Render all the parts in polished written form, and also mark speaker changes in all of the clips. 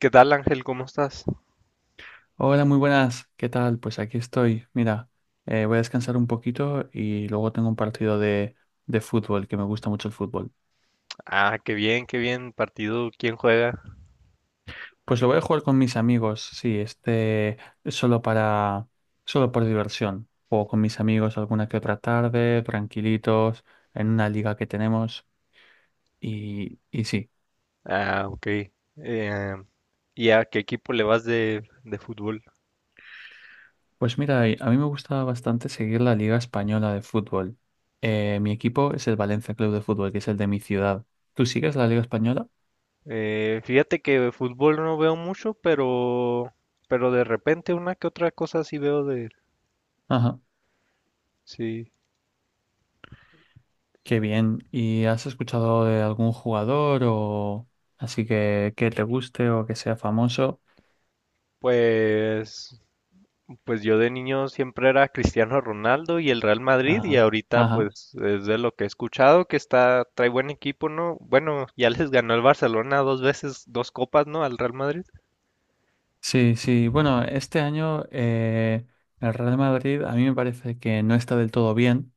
Speaker 1: ¿Qué tal, Ángel? ¿Cómo estás?
Speaker 2: Hola, muy buenas. ¿Qué tal? Pues aquí estoy. Mira, voy a descansar un poquito y luego tengo un partido de fútbol, que me gusta mucho el fútbol.
Speaker 1: Ah, qué bien, qué bien. Partido, ¿quién juega?
Speaker 2: Pues lo voy a jugar con mis amigos, sí, este solo solo por diversión. Juego con mis amigos alguna que otra tarde, tranquilitos, en una liga que tenemos. Y sí,
Speaker 1: Ah, ok. Eh, ¿Y a qué equipo le vas de fútbol?
Speaker 2: pues mira, y a mí me gusta bastante seguir la Liga Española de Fútbol. Mi equipo es el Valencia Club de Fútbol, que es el de mi ciudad. ¿Tú sigues la Liga Española?
Speaker 1: Fíjate que fútbol no veo mucho, pero de repente una que otra cosa sí veo de...
Speaker 2: Ajá.
Speaker 1: Sí,
Speaker 2: Qué bien. ¿Y has escuchado de algún jugador o así que te guste o que sea famoso?
Speaker 1: pues, pues yo de niño siempre era Cristiano Ronaldo y el Real Madrid y
Speaker 2: Ah,
Speaker 1: ahorita
Speaker 2: ajá.
Speaker 1: pues es de lo que he escuchado que está, trae buen equipo, ¿no? Bueno, ya les ganó el Barcelona dos veces, dos copas, ¿no? Al Real Madrid.
Speaker 2: Sí, sí. Bueno, este año el Real Madrid a mí me parece que no está del todo bien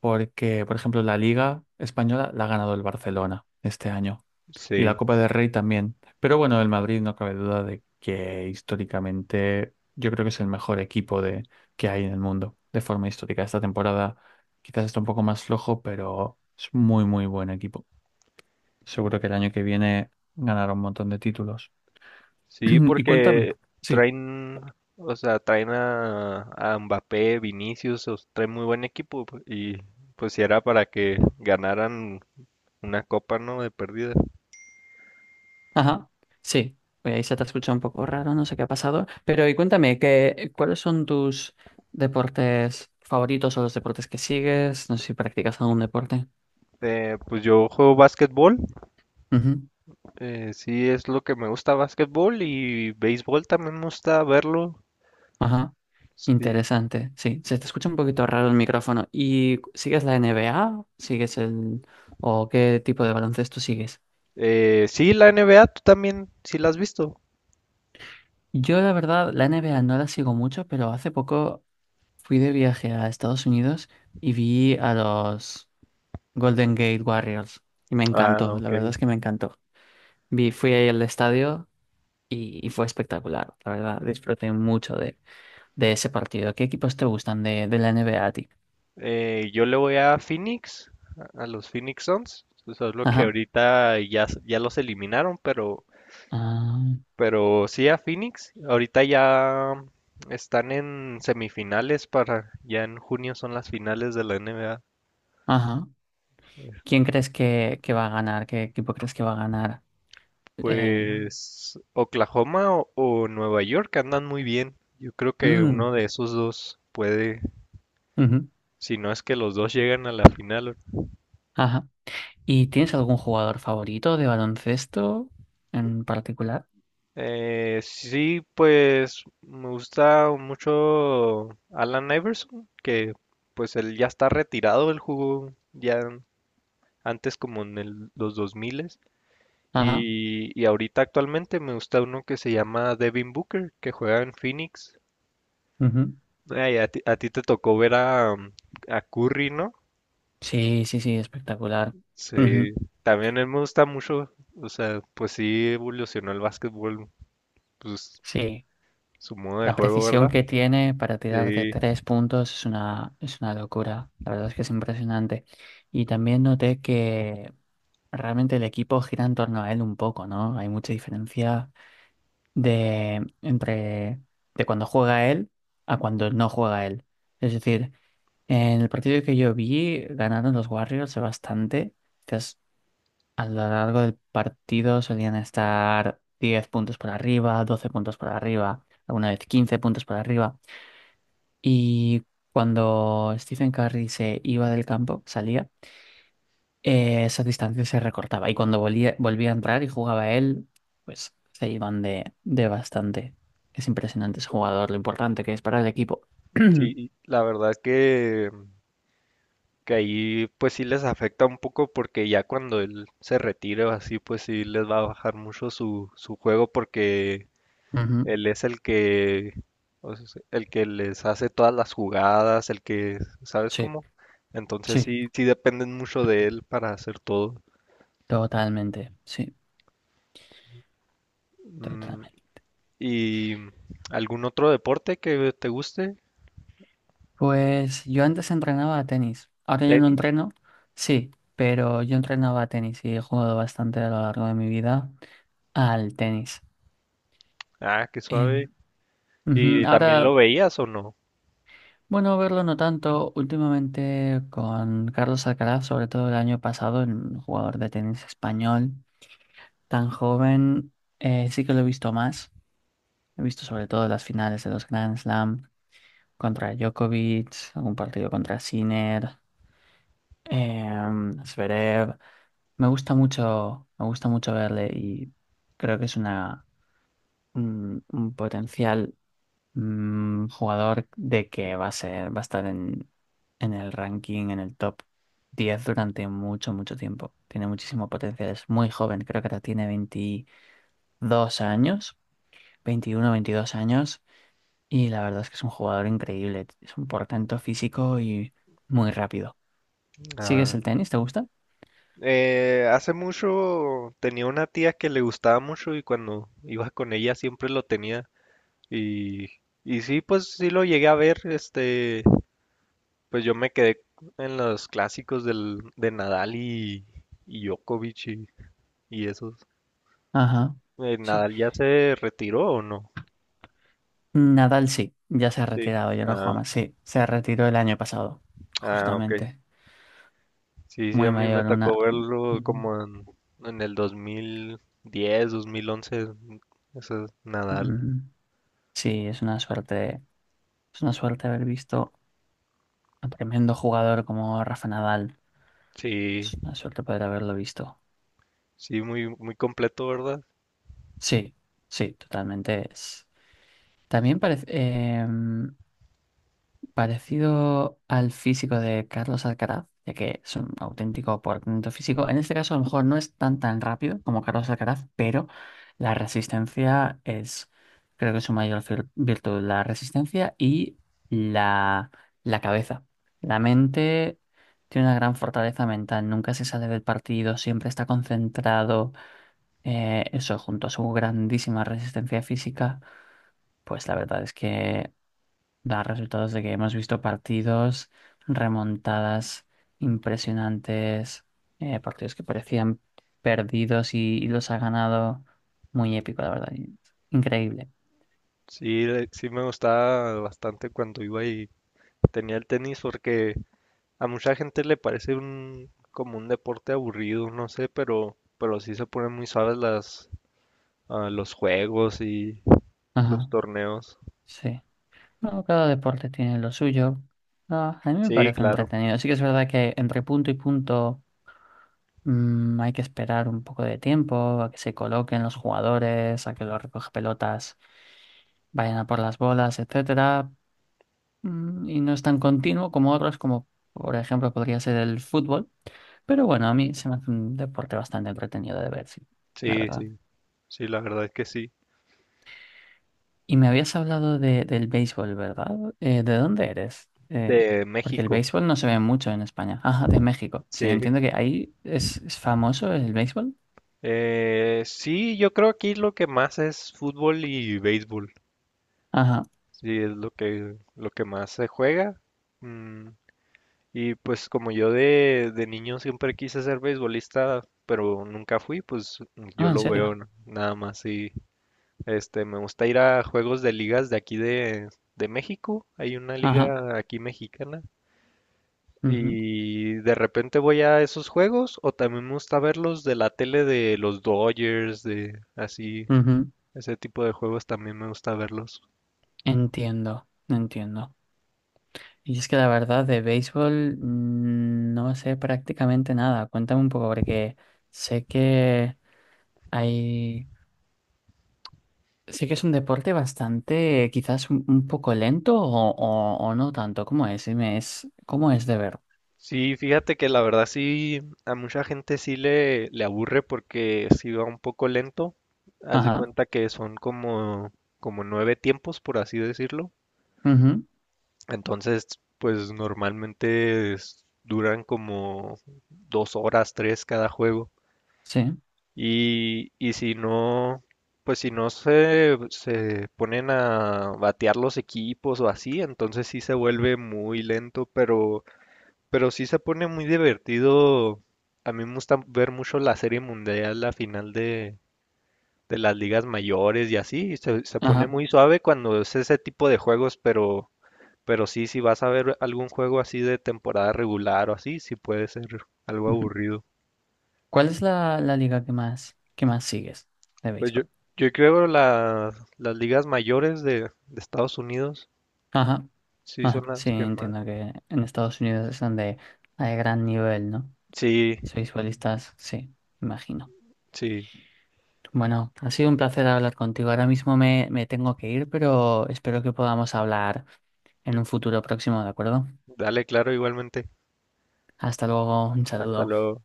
Speaker 2: porque, por ejemplo, la Liga Española la ha ganado el Barcelona este año. Y la
Speaker 1: Sí,
Speaker 2: Copa del Rey también. Pero bueno, el Madrid no cabe duda de que históricamente yo creo que es el mejor equipo que hay en el mundo de forma histórica. Esta temporada quizás está un poco más flojo, pero es muy, muy buen equipo. Seguro que el año que viene ganará un montón de títulos.
Speaker 1: sí,
Speaker 2: Y cuéntame.
Speaker 1: porque
Speaker 2: Sí.
Speaker 1: traen, o sea, traen a Mbappé, Vinicius, traen muy buen equipo y pues si era para que ganaran una copa, ¿no? De pérdida.
Speaker 2: Ajá, sí. Oye, ahí se te ha escuchado un poco raro, no sé qué ha pasado. Pero y cuéntame, ¿cuáles son tus deportes favoritos o los deportes que sigues? No sé si practicas algún deporte.
Speaker 1: Pues yo juego básquetbol,
Speaker 2: Ujú.
Speaker 1: sí es lo que me gusta básquetbol y béisbol también me gusta verlo.
Speaker 2: Ajá. Intel
Speaker 1: Sí.
Speaker 2: o es-
Speaker 1: Sí, la NBA, tú también, sí la has visto.
Speaker 2: yo y vi Golders y me
Speaker 1: Ah,
Speaker 2: encantó, la
Speaker 1: ok.
Speaker 2: verdad es que me encantó. Vi, fui ahí al estadio y fue espectacular, la verdad, disfruté mucho de ese partido. ¿Qué equipos te gustan de la NBA a ti?
Speaker 1: Yo le voy a Phoenix, a los Phoenix Suns. Solo que
Speaker 2: Ajá,
Speaker 1: ahorita ya, ya los eliminaron,
Speaker 2: ah,
Speaker 1: pero sí a Phoenix. Ahorita ya están en semifinales para, ya en junio son las finales de la NBA.
Speaker 2: ajá. ¿Que va a ganar? ¿Qué equipo crees que va a ganar? Eh,
Speaker 1: Pues Oklahoma o Nueva York andan muy bien. Yo creo que uno
Speaker 2: mm,
Speaker 1: de esos dos puede,
Speaker 2: ujú,
Speaker 1: si no es que los dos llegan a la final.
Speaker 2: ajá. ¿Y tienes algún jugador favorito de baloncesto en particular?
Speaker 1: Sí, pues me gusta mucho Alan Iverson, que pues él ya está retirado, él jugó ya antes como en los 2000
Speaker 2: Ajá.
Speaker 1: y ahorita actualmente me gusta uno que se llama Devin Booker, que juega en Phoenix. Ay, a ti te tocó ver a a Curry, ¿no?
Speaker 2: Sí, sí, sí, espectacular.
Speaker 1: Sí,
Speaker 2: Ujú.
Speaker 1: también él me gusta mucho, o sea, pues sí evolucionó el básquetbol, pues
Speaker 2: Sí,
Speaker 1: su modo de
Speaker 2: la
Speaker 1: juego,
Speaker 2: precisión
Speaker 1: ¿verdad?
Speaker 2: que tiene para tirar de
Speaker 1: Sí.
Speaker 2: tres puntos es es una locura. La verdad es que es impresionante. Y también noté que realmente el equipo gira en torno a él un poco, ¿no? Hay mucha diferencia de, entre, de cuando juega él a cuando no juega él. Es decir, en el partido que yo vi, ganaron los Warriors bastante. A lo largo del partido solían estar 10 puntos por arriba, 12 puntos por arriba, alguna vez 15 puntos por arriba. Y cuando Stephen Curry se iba del campo, salía, esa distancia se recortaba. Y cuando volvía a entrar y jugaba él, pues se iban de bastante. Es impresionante ese jugador, lo importante que es para el equipo. Ujú.
Speaker 1: Sí, la verdad que ahí pues sí les afecta un poco porque ya cuando él se retire o así pues sí les va a bajar mucho su, su juego porque él es el que o sea, el que les hace todas las jugadas, el que, ¿sabes
Speaker 2: Sí,
Speaker 1: cómo? Entonces
Speaker 2: sí,
Speaker 1: sí, sí dependen mucho de él para hacer todo.
Speaker 2: totalmente, sí,
Speaker 1: Mm.
Speaker 2: totalmente.
Speaker 1: ¿Y algún otro deporte que te guste?
Speaker 2: Pues yo antes entrenaba a tenis. Ahora yo no
Speaker 1: ¿Tenis?
Speaker 2: entreno, sí, pero yo entrenaba a tenis y he jugado bastante a lo largo de mi vida al tenis.
Speaker 1: Ah, qué suave.
Speaker 2: Em, ujú.
Speaker 1: ¿Y también
Speaker 2: Ahora,
Speaker 1: lo veías o no?
Speaker 2: bueno, verlo no tanto. Últimamente con Carlos Alcaraz, sobre todo el año pasado, un jugador de tenis español tan joven, sí que lo he visto más. He visto sobre todo las finales de los Grand Slam contra Djokovic, algún partido contra Sinner, eh, Zverev. Me gusta mucho verle y creo que es un potencial jugador de que va a ser, va a estar en el ranking, en el top 10 durante mucho, mucho tiempo. Tiene muchísimo potencial, es muy joven, creo que ahora tiene 22 años, 21, 22 años, y la verdad es que es un jugador increíble, es un portento físico y muy rápido. ¿Sigues el tenis? ¿Te gusta?
Speaker 1: Hace mucho tenía una tía que le gustaba mucho y cuando iba con ella siempre lo tenía. Y, y sí, pues sí lo llegué a ver. Este, pues yo me quedé en los clásicos de Nadal y Djokovic y esos.
Speaker 2: Ajá, sí.
Speaker 1: ¿Nadal ya se retiró o no?
Speaker 2: Nadal sí, ya se ha
Speaker 1: Sí.
Speaker 2: retirado, ya no
Speaker 1: Ah,
Speaker 2: juega más. Sí, se retiró el año pasado,
Speaker 1: ah, ok.
Speaker 2: justamente.
Speaker 1: Sí, sí, a
Speaker 2: Muy
Speaker 1: mí me
Speaker 2: mayor, una...
Speaker 1: tocó verlo
Speaker 2: Ujú,
Speaker 1: como en el 2010, 2011, ese Nadal.
Speaker 2: ujú. Sí, es una suerte haber visto a un tremendo jugador como Rafa Nadal.
Speaker 1: Sí.
Speaker 2: Es una suerte poder haberlo visto.
Speaker 1: Sí, muy, muy completo, ¿verdad?
Speaker 2: Sí, sí, totalmente. También parece... parecido al físico de Carlos Alcaraz, ya que es un auténtico por talento físico. En este caso, a lo mejor no es tan tan rápido como Carlos Alcaraz, pero la resistencia es, creo que es su virtud, la resistencia y la, la cabeza. La mente tiene una gran fortaleza mental, nunca se sale del partido, siempre está concentrado. Eso, junto a su grandísima resistencia física, pues la verdad es que da resultados de que hemos visto partidos, remontadas impresionantes, partidos que parecían perdidos y los ha ganado muy épico, la verdad. Increíble.
Speaker 1: Sí, sí me gustaba bastante cuando iba y tenía el tenis porque a mucha gente le parece un como un deporte aburrido, no sé, pero sí se ponen muy suaves los juegos y los
Speaker 2: Ajá,
Speaker 1: torneos.
Speaker 2: sí. No, cada deporte tiene lo suyo. Ah, a mí me
Speaker 1: Sí,
Speaker 2: parece
Speaker 1: claro.
Speaker 2: entretenido. Sí que es verdad que entre punto y punto hay que esperar un poco de tiempo a que se coloquen los jugadores, a que los recoge pelotas vayan a por las bolas, etcétera. Y no es tan continuo como otros, como por ejemplo podría ser el fútbol. Pero bueno, a mí se me hace un deporte bastante entretenido de ver, sí, la
Speaker 1: Sí,
Speaker 2: verdad.
Speaker 1: sí. Sí, la verdad es que sí.
Speaker 2: Y me habías hablado de, del béisbol, ¿verdad? ¿De dónde eres?
Speaker 1: De
Speaker 2: Porque el
Speaker 1: México.
Speaker 2: béisbol no se ve mucho en España. Ajá, de México. Sí,
Speaker 1: Sí.
Speaker 2: entiendo que ahí es famoso el béisbol.
Speaker 1: Sí, yo creo aquí lo que más es fútbol y béisbol.
Speaker 2: Ajá.
Speaker 1: Sí, es lo que más se juega. Mm. Y pues como yo de niño siempre quise ser beisbolista, pero nunca fui, pues yo
Speaker 2: Ah, ¿en
Speaker 1: lo veo
Speaker 2: serio?
Speaker 1: nada más y este me gusta ir a juegos de ligas de aquí de México, hay una
Speaker 2: Ajá.
Speaker 1: liga aquí mexicana
Speaker 2: Ujú,
Speaker 1: y de repente voy a esos juegos o también me gusta verlos de la tele de los Dodgers, de así,
Speaker 2: ujú.
Speaker 1: ese tipo de juegos también me gusta verlos.
Speaker 2: Entiendo, entiendo. Y es que la verdad de béisbol no sé prácticamente nada. Cuéntame un poco porque sé que hay, sé que es un deporte bastante, quizás un poco lento o no tanto. ¿Cómo es? Dime, ¿cómo es de ver?
Speaker 1: Sí, fíjate que la verdad sí, a mucha gente sí le aburre porque sí va un poco lento. Haz de
Speaker 2: Ajá.
Speaker 1: cuenta que son como nueve tiempos, por así decirlo.
Speaker 2: Ujú,
Speaker 1: Entonces, pues normalmente duran como dos horas, tres cada juego.
Speaker 2: sí.
Speaker 1: Y si no, pues si no se ponen a batear los equipos o así, entonces sí se vuelve muy lento, pero... Pero sí se pone muy divertido. A mí me gusta ver mucho la Serie Mundial, la final de las ligas mayores y así. Se pone
Speaker 2: Ajá.
Speaker 1: muy suave cuando es ese tipo de juegos, pero sí, si vas a ver algún juego así de temporada regular o así, sí puede ser algo
Speaker 2: Ujú.
Speaker 1: aburrido.
Speaker 2: ¿Cuál es la liga que que más sigues de
Speaker 1: Pues yo,
Speaker 2: béisbol?
Speaker 1: yo creo las ligas mayores de Estados Unidos
Speaker 2: Ajá.
Speaker 1: sí
Speaker 2: Ajá.
Speaker 1: son
Speaker 2: Sí,
Speaker 1: las que más.
Speaker 2: entiendo que en Estados Unidos es donde hay gran nivel, ¿no?
Speaker 1: Sí,
Speaker 2: Béisbolistas, sí, imagino.
Speaker 1: sí.
Speaker 2: Bueno, ha sido un placer hablar contigo. Ahora mismo me tengo que ir, pero espero que podamos hablar en un futuro próximo, ¿de acuerdo?
Speaker 1: Dale, claro, igualmente.
Speaker 2: Hasta luego, un
Speaker 1: Hasta
Speaker 2: saludo.
Speaker 1: luego.